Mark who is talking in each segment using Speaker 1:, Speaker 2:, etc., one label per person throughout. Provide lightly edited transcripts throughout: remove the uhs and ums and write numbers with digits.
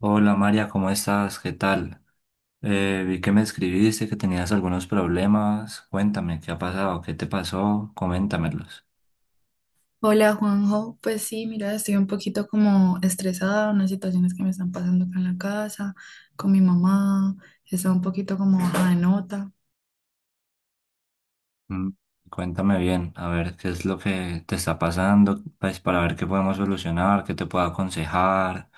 Speaker 1: Hola María, ¿cómo estás? ¿Qué tal? Vi que me escribiste, que tenías algunos problemas. Cuéntame, ¿qué ha pasado? ¿Qué te pasó? Coméntamelos.
Speaker 2: Hola Juanjo, pues sí, mira, estoy un poquito como estresada, unas situaciones que me están pasando acá en la casa, con mi mamá, está un poquito como baja de nota.
Speaker 1: Mm. Cuéntame bien, a ver qué es lo que te está pasando, pues para ver qué podemos solucionar, qué te puedo aconsejar.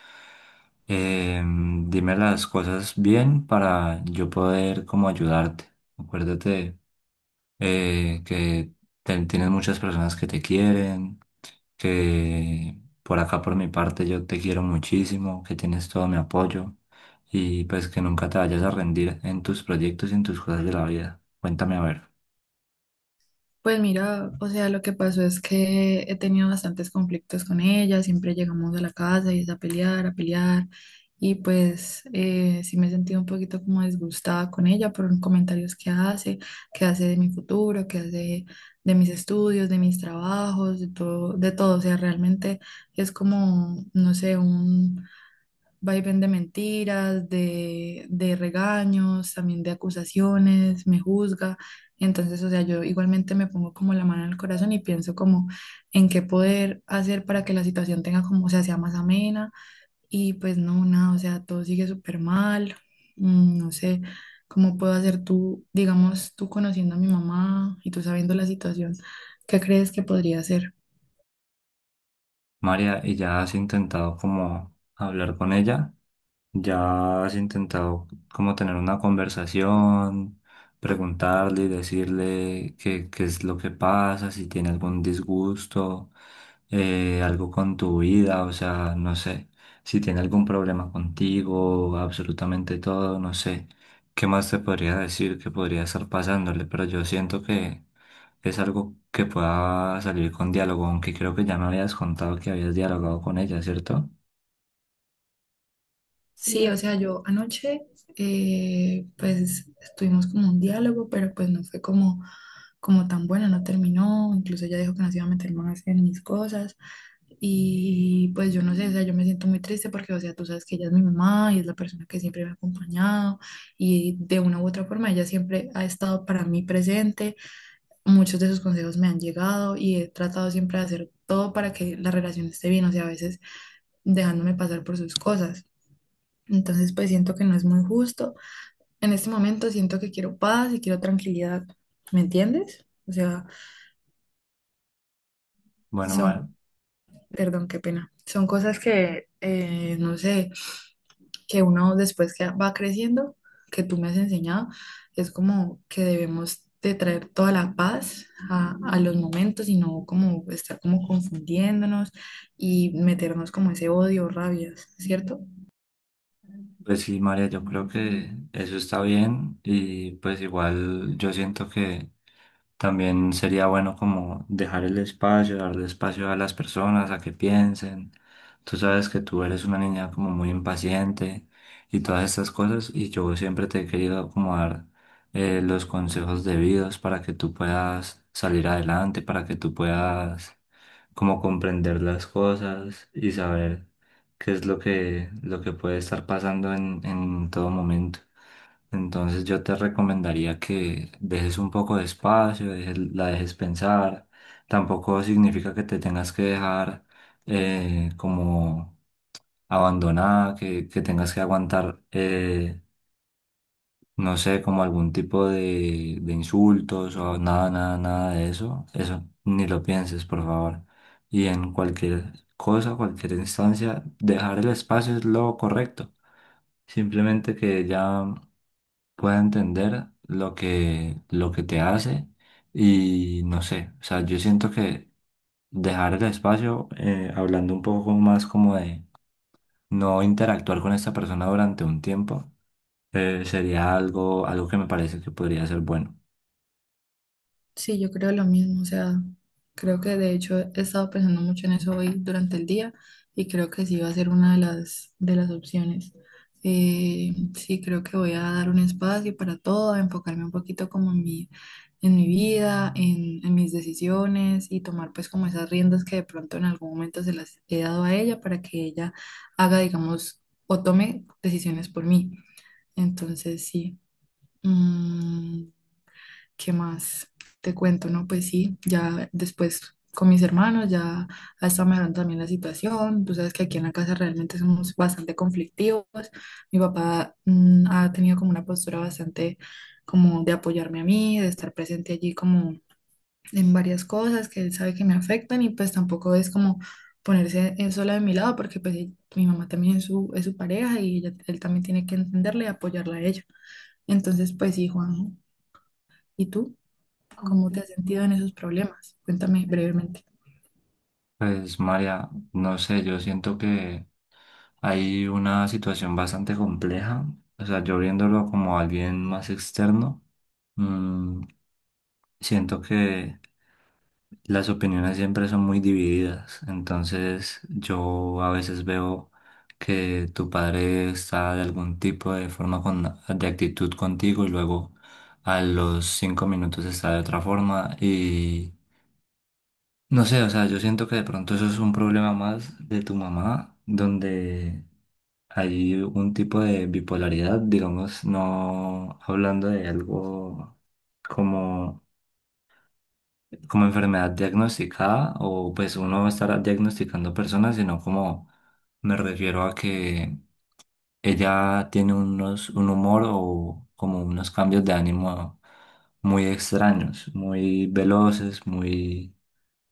Speaker 1: Dime las cosas bien para yo poder como ayudarte. Acuérdate que tienes muchas personas que te quieren. Que por acá, por mi parte, yo te quiero muchísimo, que tienes todo mi apoyo y pues que nunca te vayas a rendir en tus proyectos y en tus cosas de la vida. Cuéntame a ver,
Speaker 2: Pues mira, o sea, lo que pasó es que he tenido bastantes conflictos con ella, siempre llegamos a la casa y es a pelear, y pues sí me he sentido un poquito como disgustada con ella por comentarios que hace de mi futuro, que hace de mis estudios, de mis trabajos, de todo, o sea, realmente es como, no sé, un vaivén de mentiras, de regaños, también de acusaciones, me juzga. Entonces, o sea, yo igualmente me pongo como la mano en el corazón y pienso como en qué poder hacer para que la situación tenga como, o sea, sea más amena. Y pues no, nada, o sea, todo sigue súper mal. Mm, no sé cómo puedo hacer, tú, digamos, tú conociendo a mi mamá y tú sabiendo la situación, ¿qué crees que podría hacer?
Speaker 1: María, ¿y ya has intentado como hablar con ella? ¿Ya has intentado como tener una conversación, preguntarle y decirle qué es lo que pasa, si tiene algún disgusto, algo con tu vida, o sea, no sé, si tiene algún problema contigo, absolutamente todo, no sé, qué más te podría decir que podría estar pasándole, pero yo siento que es algo que pueda salir con diálogo, aunque creo que ya me habías contado que habías dialogado con ella, ¿cierto?
Speaker 2: Sí, o sea, yo anoche pues tuvimos como un diálogo, pero pues no fue como, como tan bueno, no terminó, incluso ella dijo que no se iba a meter más en mis cosas y pues yo no sé, o sea, yo me siento muy triste porque, o sea, tú sabes que ella es mi mamá y es la persona que siempre me ha acompañado y de una u otra forma ella siempre ha estado para mí presente, muchos de sus consejos me han llegado y he tratado siempre de hacer todo para que la relación esté bien, o sea, a veces dejándome pasar por sus cosas. Entonces, pues siento que no es muy justo. En este momento siento que quiero paz y quiero tranquilidad. ¿Me entiendes? O sea,
Speaker 1: Bueno.
Speaker 2: son, perdón, qué pena. Son cosas que, no sé, que uno después que va creciendo, que tú me has enseñado, es como que debemos de traer toda la paz a los momentos y no como estar como confundiéndonos y meternos como ese odio, rabias, ¿cierto?
Speaker 1: Pues sí, María, yo creo que eso está bien y pues igual yo siento que también sería bueno como dejar el espacio, darle espacio a las personas a que piensen. Tú sabes que tú eres una niña como muy impaciente y todas estas cosas y yo siempre te he querido como dar los consejos debidos para que tú puedas salir adelante, para que tú puedas como comprender las cosas y saber qué es lo que puede estar pasando en todo momento. Entonces yo te recomendaría que dejes un poco de espacio, la dejes pensar. Tampoco significa que te tengas que dejar como abandonada, que tengas que aguantar, no sé, como algún tipo de insultos o nada, nada, nada de eso. Eso ni lo pienses, por favor. Y en cualquier cosa, cualquier instancia, dejar el espacio es lo correcto. Simplemente que ya pueda entender lo que te hace y no sé, o sea, yo siento que dejar el espacio, hablando un poco más como de no interactuar con esta persona durante un tiempo, sería algo que me parece que podría ser bueno.
Speaker 2: Sí, yo creo lo mismo, o sea, creo que de hecho he estado pensando mucho en eso hoy durante el día y creo que sí va a ser una de las opciones. Sí, creo que voy a dar un espacio para todo, a enfocarme un poquito como en mi vida, en mis decisiones y tomar pues como esas riendas que de pronto en algún momento se las he dado a ella para que ella haga, digamos, o tome decisiones por mí. Entonces, sí. Mm, ¿qué más te cuento? No, pues sí, ya después con mis hermanos ya ha estado mejorando también la situación. Tú sabes que aquí en la casa realmente somos bastante conflictivos. Mi papá, ha tenido como una postura bastante como de apoyarme a mí, de estar presente allí como en varias cosas que él sabe que me afectan y pues tampoco es como ponerse él sola de mi lado porque pues él- mi mamá también es su pareja y ella- él también tiene que entenderle y apoyarla a ella. Entonces, pues sí, Juan, ¿y tú? ¿Cómo te has sentido en esos problemas? Cuéntame brevemente.
Speaker 1: Pues María, no sé, yo siento que hay una situación bastante compleja, o sea, yo viéndolo como alguien más externo, mm, siento que las opiniones siempre son muy divididas, entonces yo a veces veo que tu padre está de algún tipo de forma de actitud contigo y luego a los cinco minutos está de otra forma y no sé, o sea, yo siento que de pronto eso es un problema más de tu mamá, donde hay un tipo de bipolaridad, digamos, no hablando de algo como como enfermedad diagnosticada o pues uno estará diagnosticando personas, sino como me refiero a que ella tiene un humor o como unos cambios de ánimo muy extraños, muy veloces, muy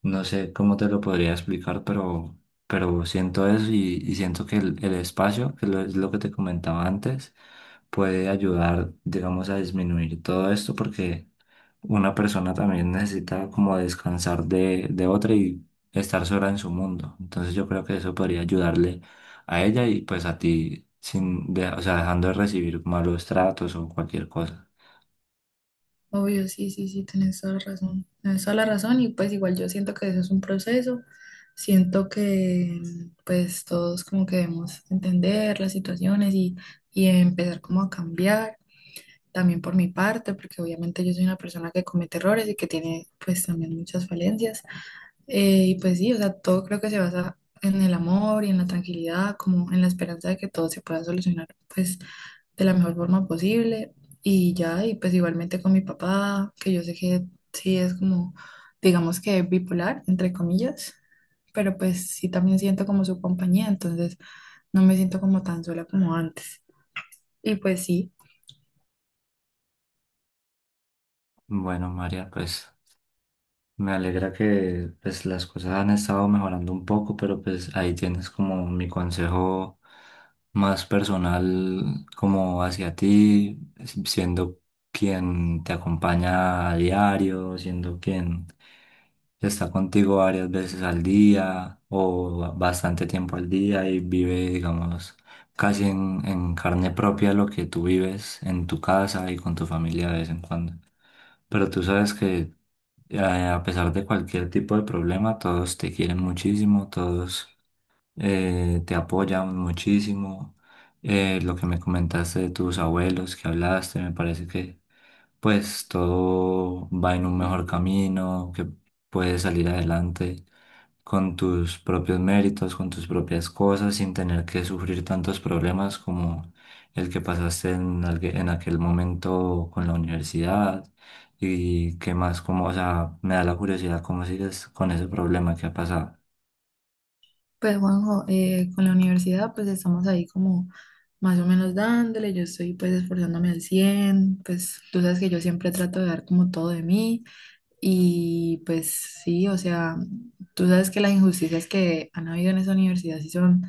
Speaker 1: no sé cómo te lo podría explicar, pero siento eso y siento que el espacio, que es lo que te comentaba antes, puede ayudar, digamos, a disminuir todo esto porque una persona también necesita como descansar de otra y estar sola en su mundo. Entonces yo creo que eso podría ayudarle a ella y pues a ti, sin de- o sea, dejando de recibir malos tratos o cualquier cosa.
Speaker 2: Obvio, sí, sí, sí, tienes toda la razón. Tienes toda la razón y pues igual yo siento que eso es un proceso. Siento que pues todos como que debemos entender las situaciones y empezar como a cambiar. También por mi parte, porque obviamente yo soy una persona que comete errores y que tiene pues también muchas falencias. Y pues sí, o sea, todo creo que se basa en el amor y en la tranquilidad, como en la esperanza de que todo se pueda solucionar, pues, de la mejor forma posible. Y ya, y pues igualmente con mi papá, que yo sé que sí es como, digamos que bipolar, entre comillas, pero pues sí también siento como su compañía, entonces no me siento como tan sola como antes. Y pues sí.
Speaker 1: Bueno, María, pues me alegra que pues las cosas han estado mejorando un poco, pero pues ahí tienes como mi consejo más personal como hacia ti, siendo quien te acompaña a diario, siendo quien está contigo varias veces al día o bastante tiempo al día y vive, digamos, casi en carne propia lo que tú vives en tu casa y con tu familia de vez en cuando. Pero tú sabes que a pesar de cualquier tipo de problema, todos te quieren muchísimo, todos te apoyan muchísimo. Lo que me comentaste de tus abuelos, que hablaste, me parece que pues todo va en un mejor camino, que puedes salir adelante con tus propios méritos, con tus propias cosas, sin tener que sufrir tantos problemas como el que pasaste en aquel momento con la universidad. Y que más, como, o sea, me da la curiosidad cómo sigues con ese problema que ha pasado.
Speaker 2: Pues Juanjo, con la universidad pues estamos ahí como más o menos dándole, yo estoy pues esforzándome al 100 pues tú sabes que yo siempre trato de dar como todo de mí y pues sí, o sea, tú sabes que las injusticias que han habido en esa universidad sí son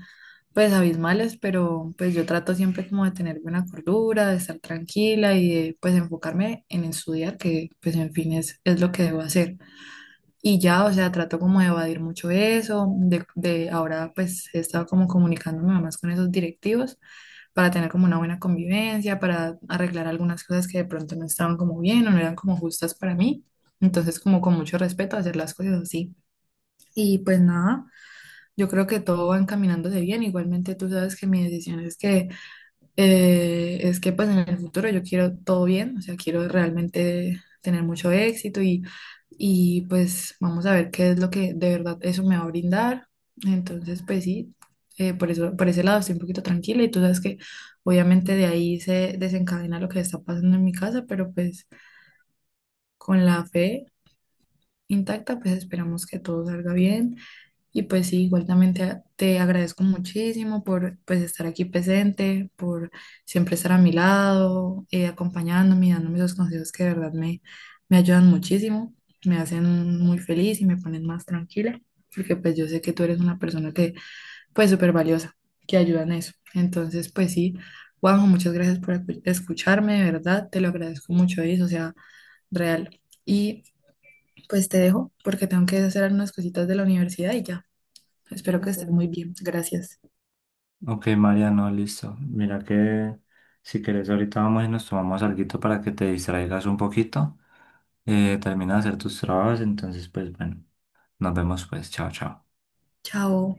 Speaker 2: pues abismales, pero pues yo trato siempre como de tener buena cordura, de estar tranquila y de pues enfocarme en estudiar, que pues en fin es lo que debo hacer. Y ya, o sea, trato como de evadir mucho eso, de ahora pues he estado como comunicándome más con esos directivos para tener como una buena convivencia, para arreglar algunas cosas que de pronto no estaban como bien o no eran como justas para mí. Entonces como con mucho respeto hacer las cosas así. Y pues nada, yo creo que todo va encaminándose bien. Igualmente tú sabes que mi decisión es que pues en el futuro yo quiero todo bien, o sea, quiero realmente tener mucho éxito y pues vamos a ver qué es lo que de verdad eso me va a brindar. Entonces, pues sí, por eso, por ese lado estoy un poquito tranquila y tú sabes que obviamente de ahí se desencadena lo que está pasando en mi casa, pero pues con la fe intacta, pues esperamos que todo salga bien. Y pues sí, igual también te agradezco muchísimo por pues estar aquí presente, por siempre estar a mi lado, acompañándome y dándome esos consejos que de verdad me, me ayudan muchísimo, me hacen muy feliz y me ponen más tranquila, porque pues yo sé que tú eres una persona que pues súper valiosa, que ayuda en eso. Entonces pues sí, Juanjo, muchas gracias por acu- escucharme, de verdad, te lo agradezco mucho, eso, o sea, real. Y pues te dejo porque tengo que hacer algunas cositas de la universidad y ya. Espero que estés muy bien. Gracias.
Speaker 1: Ok, Mariano, listo. Mira que si querés ahorita vamos y nos tomamos alguito para que te distraigas un poquito. Termina de hacer tus trabajos, entonces pues bueno, nos vemos pues. Chao, chao.
Speaker 2: Chao.